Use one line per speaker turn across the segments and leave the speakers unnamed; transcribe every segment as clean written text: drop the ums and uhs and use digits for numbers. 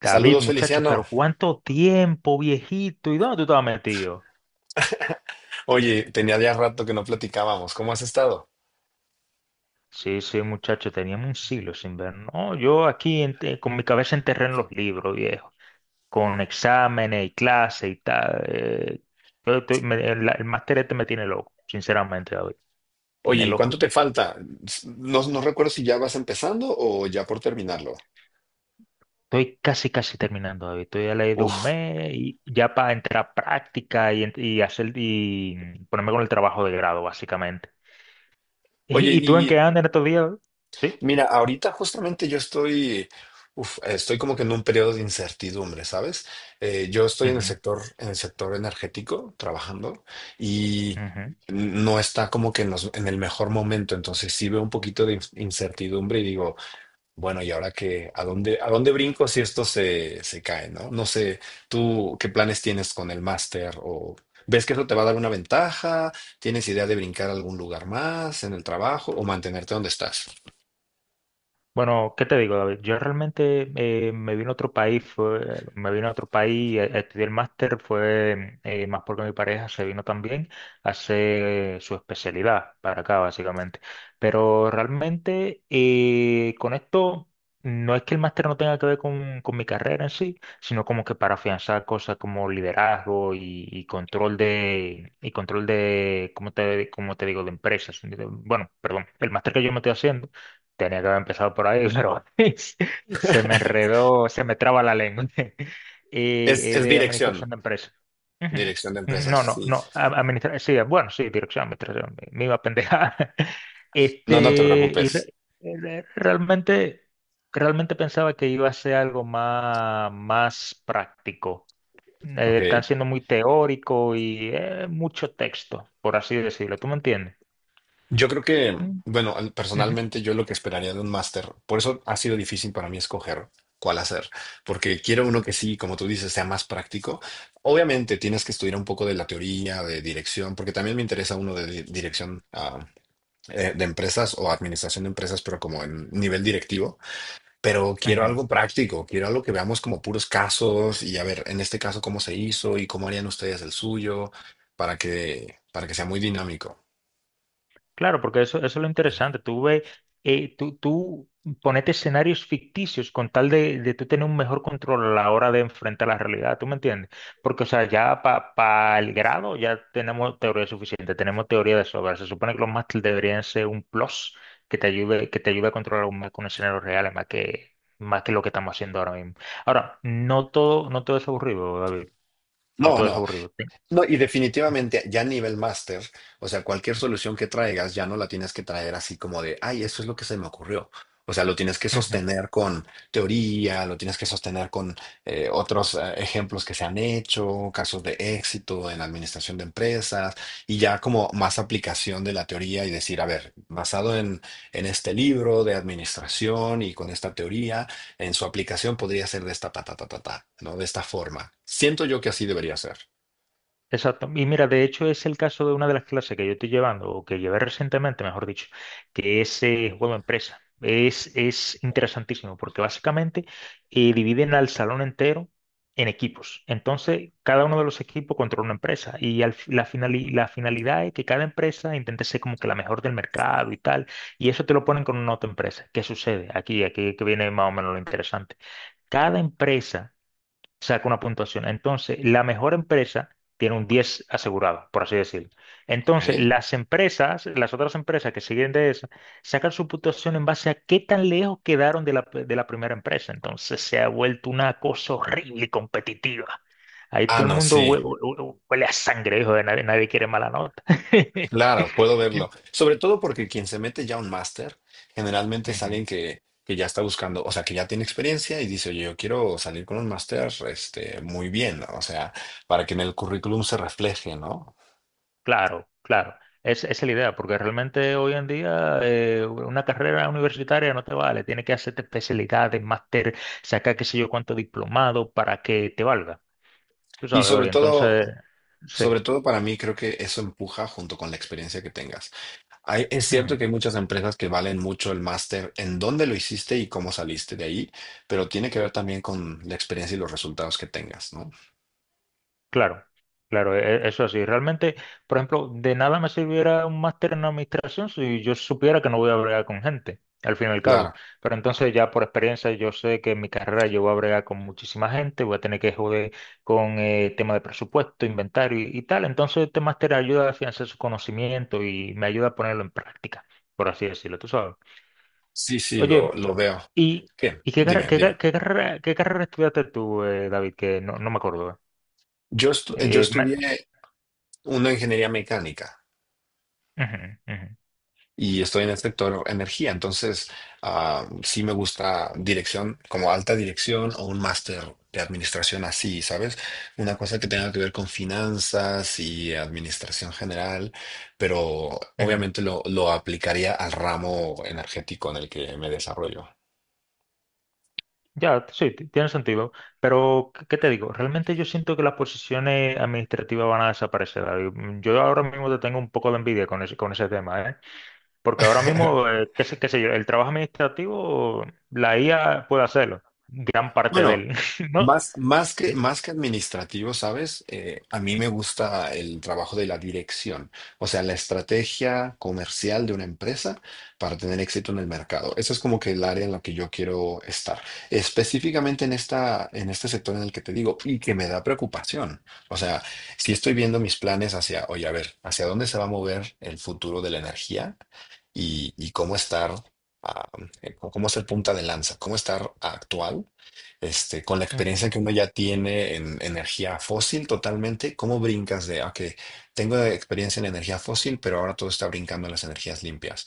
David,
Saludos,
muchacho, pero
Feliciano.
¿cuánto tiempo, viejito? ¿Y dónde tú estabas metido?
Oye, tenía ya rato que no platicábamos. ¿Cómo has estado?
Sí, sí, muchacho, teníamos un siglo sin ver. No, yo aquí con mi cabeza enterré en los libros, viejo, con exámenes y clases y tal. El máster este me tiene loco, sinceramente, David.
Oye,
Tiene
¿y
loco y
cuánto te
pi-
falta? No, no recuerdo si ya vas empezando o ya por terminarlo.
Estoy casi, casi terminando, David. Estoy a la ley de un
Uf.
mes y ya para entrar a práctica y hacer y ponerme con el trabajo de grado, básicamente.
Oye,
¿Y tú en qué
y
andas en estos días, David? Sí.
mira, ahorita justamente yo estoy, estoy como que en un periodo de incertidumbre, ¿sabes? Yo estoy
Ujú,
en el sector energético trabajando y
ujú.
no está como que en, en el mejor momento. Entonces sí veo un poquito de incertidumbre y digo, bueno, y ahora que, a dónde brinco si esto se, se cae, no? No sé, tú qué planes tienes con el máster o ves que eso te va a dar una ventaja, tienes idea de brincar a algún lugar más en el trabajo o mantenerte donde estás.
Bueno, ¿qué te digo, David? Yo realmente me vine a otro país, a estudiar el máster, fue más porque mi pareja se vino también a hacer su especialidad para acá, básicamente. Pero realmente con esto no es que el máster no tenga que ver con mi carrera en sí, sino como que para afianzar cosas como liderazgo y control de, ¿cómo te digo?, de empresas. Bueno, perdón, el máster que yo me estoy haciendo tenía que haber empezado por ahí, pero se me enredó, se me traba la lengua. Y,
Es,
y
es
de
dirección,
administración de empresas. Ujú.
dirección de empresas,
No, no,
sí.
no. Administración, sí, bueno, sí, dirección, administración. Me iba a pendejar.
No, no te
Este, y
preocupes.
re- realmente, realmente pensaba que iba a ser algo más, más práctico. Están
Ok.
siendo muy teórico y mucho texto, por así decirlo. ¿Tú me entiendes?
Yo creo que,
Mm,
bueno,
ujú,
personalmente yo lo que esperaría de un máster, por eso ha sido difícil para mí escoger cuál hacer, porque quiero uno que sí, como tú dices, sea más práctico. Obviamente tienes que estudiar un poco de la teoría, de dirección, porque también me interesa uno de dirección de empresas o administración de empresas, pero como en nivel directivo. Pero quiero
ujú.
algo práctico, quiero algo que veamos como puros casos y a ver, en este caso, cómo se hizo y cómo harían ustedes el suyo para que sea muy dinámico.
Claro, porque eso es lo interesante. Tú ves, tú ponete escenarios ficticios con tal de tú tener un mejor control a la hora de enfrentar la realidad, ¿tú me entiendes? Porque, o sea, ya para el grado ya tenemos teoría suficiente, tenemos teoría de sobra. Se supone que los máster deberían ser un plus que te ayude a controlar con escenarios reales más que lo que estamos haciendo ahora mismo. Ahora, no todo, no todo es aburrido, David. No
No,
todo es
no.
aburrido.
No, y definitivamente ya a nivel máster, o sea, cualquier solución que traigas ya no la tienes que traer así como de, ay, eso es lo que se me ocurrió. O sea, lo tienes que
¿Sí?
sostener con teoría, lo tienes que sostener con otros ejemplos que se han hecho, casos de éxito en la administración de empresas, y ya como más aplicación de la teoría y decir, a ver, basado en este libro de administración y con esta teoría, en su aplicación podría ser de esta, ta, ta, ta, ta, ta, ¿no? De esta forma. Siento yo que así debería ser.
Exacto. Y mira, de hecho es el caso de una de las clases que yo estoy llevando, o que llevé recientemente, mejor dicho, que es juego empresa. Es interesantísimo porque básicamente dividen al salón entero en equipos. Entonces, cada uno de los equipos controla una empresa y al fi- la, finali- la finalidad es que cada empresa intente ser como que la mejor del mercado y tal. Y eso te lo ponen con una otra empresa. ¿Qué sucede? Aquí que viene más o menos lo interesante. Cada empresa saca una puntuación. Entonces, la mejor empresa tiene un 10 asegurado, por así decirlo. Entonces,
¿Ok?
las otras empresas que siguen de esa, sacan su puntuación en base a qué tan lejos quedaron de la primera empresa. Entonces, se ha vuelto una cosa horrible y competitiva. Ahí
Ah,
todo el
no,
mundo
sí,
huele, a sangre, hijo de nadie, nadie quiere mala nota.
claro, puedo verlo. Sobre todo porque quien se mete ya a un máster generalmente es
Ujú.
alguien que ya está buscando, o sea, que ya tiene experiencia y dice, oye, yo quiero salir con un máster, este, muy bien, ¿no? O sea, para que en el currículum se refleje, ¿no?
Claro, claro. Esa es la idea, porque realmente hoy en día una carrera universitaria no te vale. Tienes que hacerte especialidades, máster, sacar qué sé yo cuánto diplomado para que te valga. Tú
Y
sabes, oye, entonces, sí.
sobre todo para mí creo que eso empuja junto con la experiencia que tengas. Es cierto que hay
Ujú.
muchas empresas que valen mucho el máster en dónde lo hiciste y cómo saliste de ahí, pero tiene que ver también con la experiencia y los resultados que tengas, ¿no?
Claro, claro, eso así. Realmente, por ejemplo, de nada me sirviera un máster en administración si yo supiera que no voy a bregar con gente, al fin y al cabo.
Claro.
Pero entonces ya por experiencia yo sé que en mi carrera yo voy a bregar con muchísima gente, voy a tener que joder con tema de presupuesto, inventario y tal. Entonces este máster ayuda a afianzar su conocimiento y me ayuda a ponerlo en práctica, por así decirlo, tú sabes.
Sí, sí,
Oye,
lo veo.
¿y,
Bien,
y qué, carre-
dime,
qué,
dime.
ca- qué carrera estudiaste tú, David? Que no me acuerdo.
Yo, yo
Eh, ma-
estudié una ingeniería mecánica
Ujú, ujú.
y estoy en el sector energía, entonces ah, sí me gusta dirección, como alta dirección o un máster de administración así, ¿sabes? Una cosa que tenga que ver con finanzas y administración general, pero
Ujú.
obviamente lo aplicaría al ramo energético en el que me desarrollo.
Ya, sí, tiene sentido. Pero, ¿qué te digo? Realmente yo siento que las posiciones administrativas van a desaparecer, David. Yo ahora mismo te tengo un poco de envidia con ese tema, ¿eh? Porque ahora mismo, qué sé yo, el trabajo administrativo, la IA puede hacerlo, gran parte de
Bueno,
él, ¿no?
más,
Sí.
más que administrativo, ¿sabes? A mí me gusta el trabajo de la dirección, o sea, la estrategia comercial de una empresa para tener éxito en el mercado. Eso es como que el área en la que yo quiero estar, específicamente en esta, en este sector en el que te digo y que me da preocupación. O sea, si estoy viendo mis planes hacia, oye, a ver, hacia dónde se va a mover el futuro de la energía y cómo estar, ah, cómo ser punta de lanza, cómo estar actual este, con la experiencia
Ujú,
que uno ya tiene en energía fósil totalmente, ¿cómo brincas de, ok, tengo experiencia en energía fósil, pero ahora todo está brincando en las energías limpias?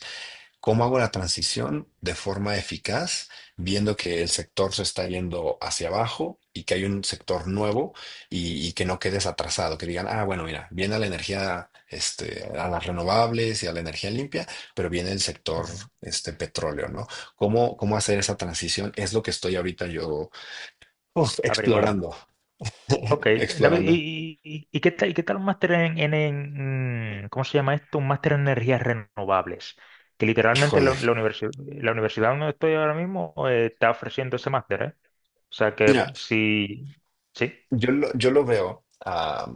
¿Cómo hago la transición de forma eficaz, viendo que el sector se está yendo hacia abajo y que hay un sector nuevo y que no quedes atrasado? Que digan, ah, bueno, mira, viene la energía, este, a las renovables y a la energía limpia, pero viene el sector,
ujú.
este, petróleo, ¿no? ¿Cómo, cómo hacer esa transición? Es lo que estoy ahorita yo uf,
Averiguando.
explorando,
Ok, David,
explorando.
¿y qué tal un máster en, en ¿cómo se llama esto? Un máster en energías renovables, que literalmente la,
Híjole,
la universi- la universidad donde estoy ahora mismo está ofreciendo ese máster, ¿eh? O sea que
mira,
sí, sí,
yo lo, yo lo veo ah,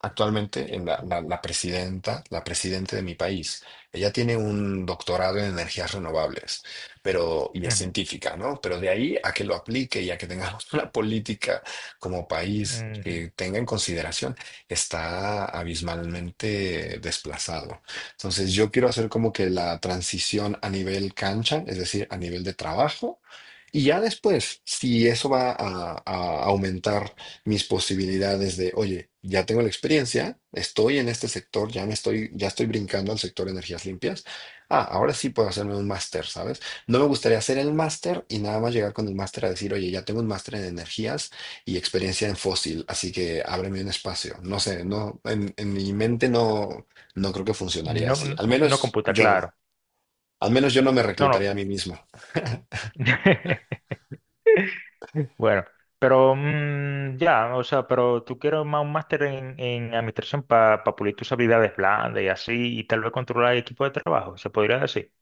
actualmente en la, la presidenta de mi país. Ella tiene un doctorado en energías renovables, pero y es
ujú,
científica, ¿no? Pero de ahí a que lo aplique y a que tengamos una política como país
ujú.
que tenga en consideración, está abismalmente desplazado. Entonces, yo quiero hacer como que la transición a nivel cancha, es decir, a nivel de trabajo. Y ya después, si eso va a aumentar mis posibilidades de, oye, ya tengo la experiencia, estoy en este sector, ya me estoy, ya estoy brincando al sector de energías limpias. Ah, ahora sí puedo hacerme un máster, ¿sabes? No me gustaría hacer el máster y nada más llegar con el máster a decir, oye, ya tengo un máster en energías y experiencia en fósil, así que ábreme un espacio. No sé, no, en mi mente no, no creo que funcionaría
No,
así.
no
Al
no
menos
computa,
yo no.
claro,
Al menos yo no me
no, no.
reclutaría a mí mismo.
Bueno, pero ya, o sea, pero tú quieres más un máster en administración para pulir tus habilidades blandas y así, y tal vez controlar el equipo de trabajo, se podría decir.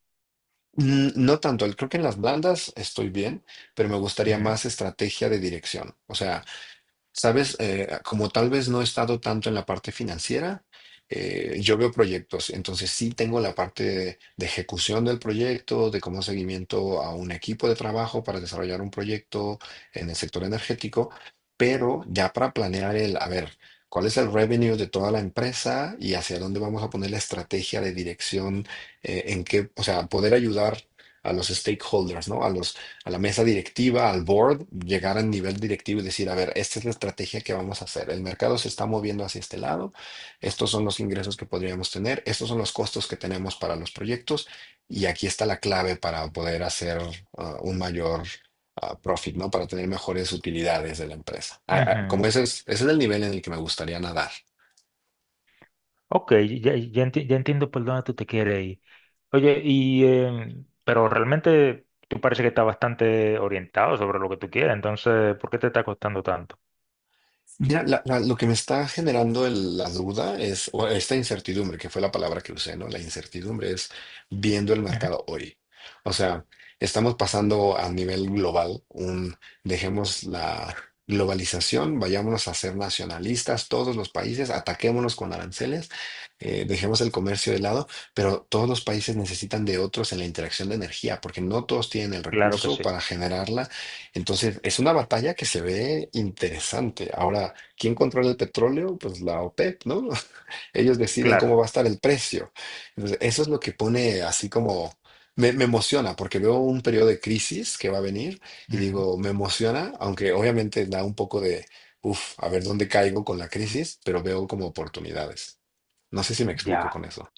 Mm, no tanto, creo que en las blandas estoy bien, pero me gustaría
Ujú,
más estrategia de dirección. O sea, sabes, como tal vez no he estado tanto en la parte financiera, yo veo proyectos, entonces sí tengo la parte de ejecución del proyecto, de cómo seguimiento a un equipo de trabajo para desarrollar un proyecto en el sector energético, pero ya para planear el, a ver, cuál es el revenue de toda la empresa y hacia dónde vamos a poner la estrategia de dirección, en qué, o sea, poder ayudar a los stakeholders, ¿no? A los a la mesa directiva, al board, llegar al nivel directivo y decir, a ver, esta es la estrategia que vamos a hacer. El mercado se está moviendo hacia este lado, estos son los ingresos que podríamos tener, estos son los costos que tenemos para los proyectos y aquí está la clave para poder hacer ah, un mayor ah, profit, ¿no? Para tener mejores utilidades de la empresa. Ah, ah,
ujú.
como ese es el nivel en el que me gustaría nadar.
Ok, ya entiendo por dónde tú te quieres ir. Oye, pero realmente tú parece que estás bastante orientado sobre lo que tú quieres, entonces, ¿por qué te está costando tanto?
Mira, lo que me está generando la duda es, o esta incertidumbre, que fue la palabra que usé, ¿no? La incertidumbre es viendo el
Ujú.
mercado hoy. O sea, estamos pasando a nivel global, un, dejemos la globalización, vayámonos a ser nacionalistas, todos los países, ataquémonos con aranceles, dejemos el comercio de lado, pero todos los países necesitan de otros en la interacción de energía, porque no todos tienen el
Claro que
recurso
sí,
para generarla entonces, es una batalla que se ve interesante. Ahora, ¿quién controla el petróleo? Pues la OPEP, ¿no? Ellos deciden cómo
claro.
va a estar el precio. Entonces, eso es lo que pone así como... Me emociona porque veo un periodo de crisis que va a venir y
Ujú.
digo, me emociona, aunque obviamente da un poco de, uff, a ver dónde caigo con la crisis, pero veo como oportunidades. No sé si me explico
Ya.
con eso.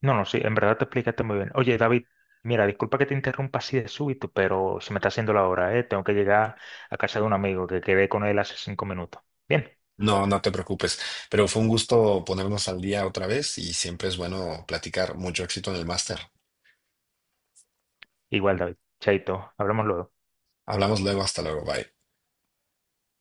No, no, sí, en verdad te explicaste muy bien. Oye, David, mira, disculpa que te interrumpa así de súbito, pero se me está haciendo la hora, ¿eh? Tengo que llegar a casa de un amigo que quedé con él hace 5 minutos. Bien,
No, no te preocupes, pero fue un gusto ponernos al día otra vez y siempre es bueno platicar. Mucho éxito en el máster.
igual, David. Chaito, hablamos luego.
Hablamos luego, hasta luego, bye.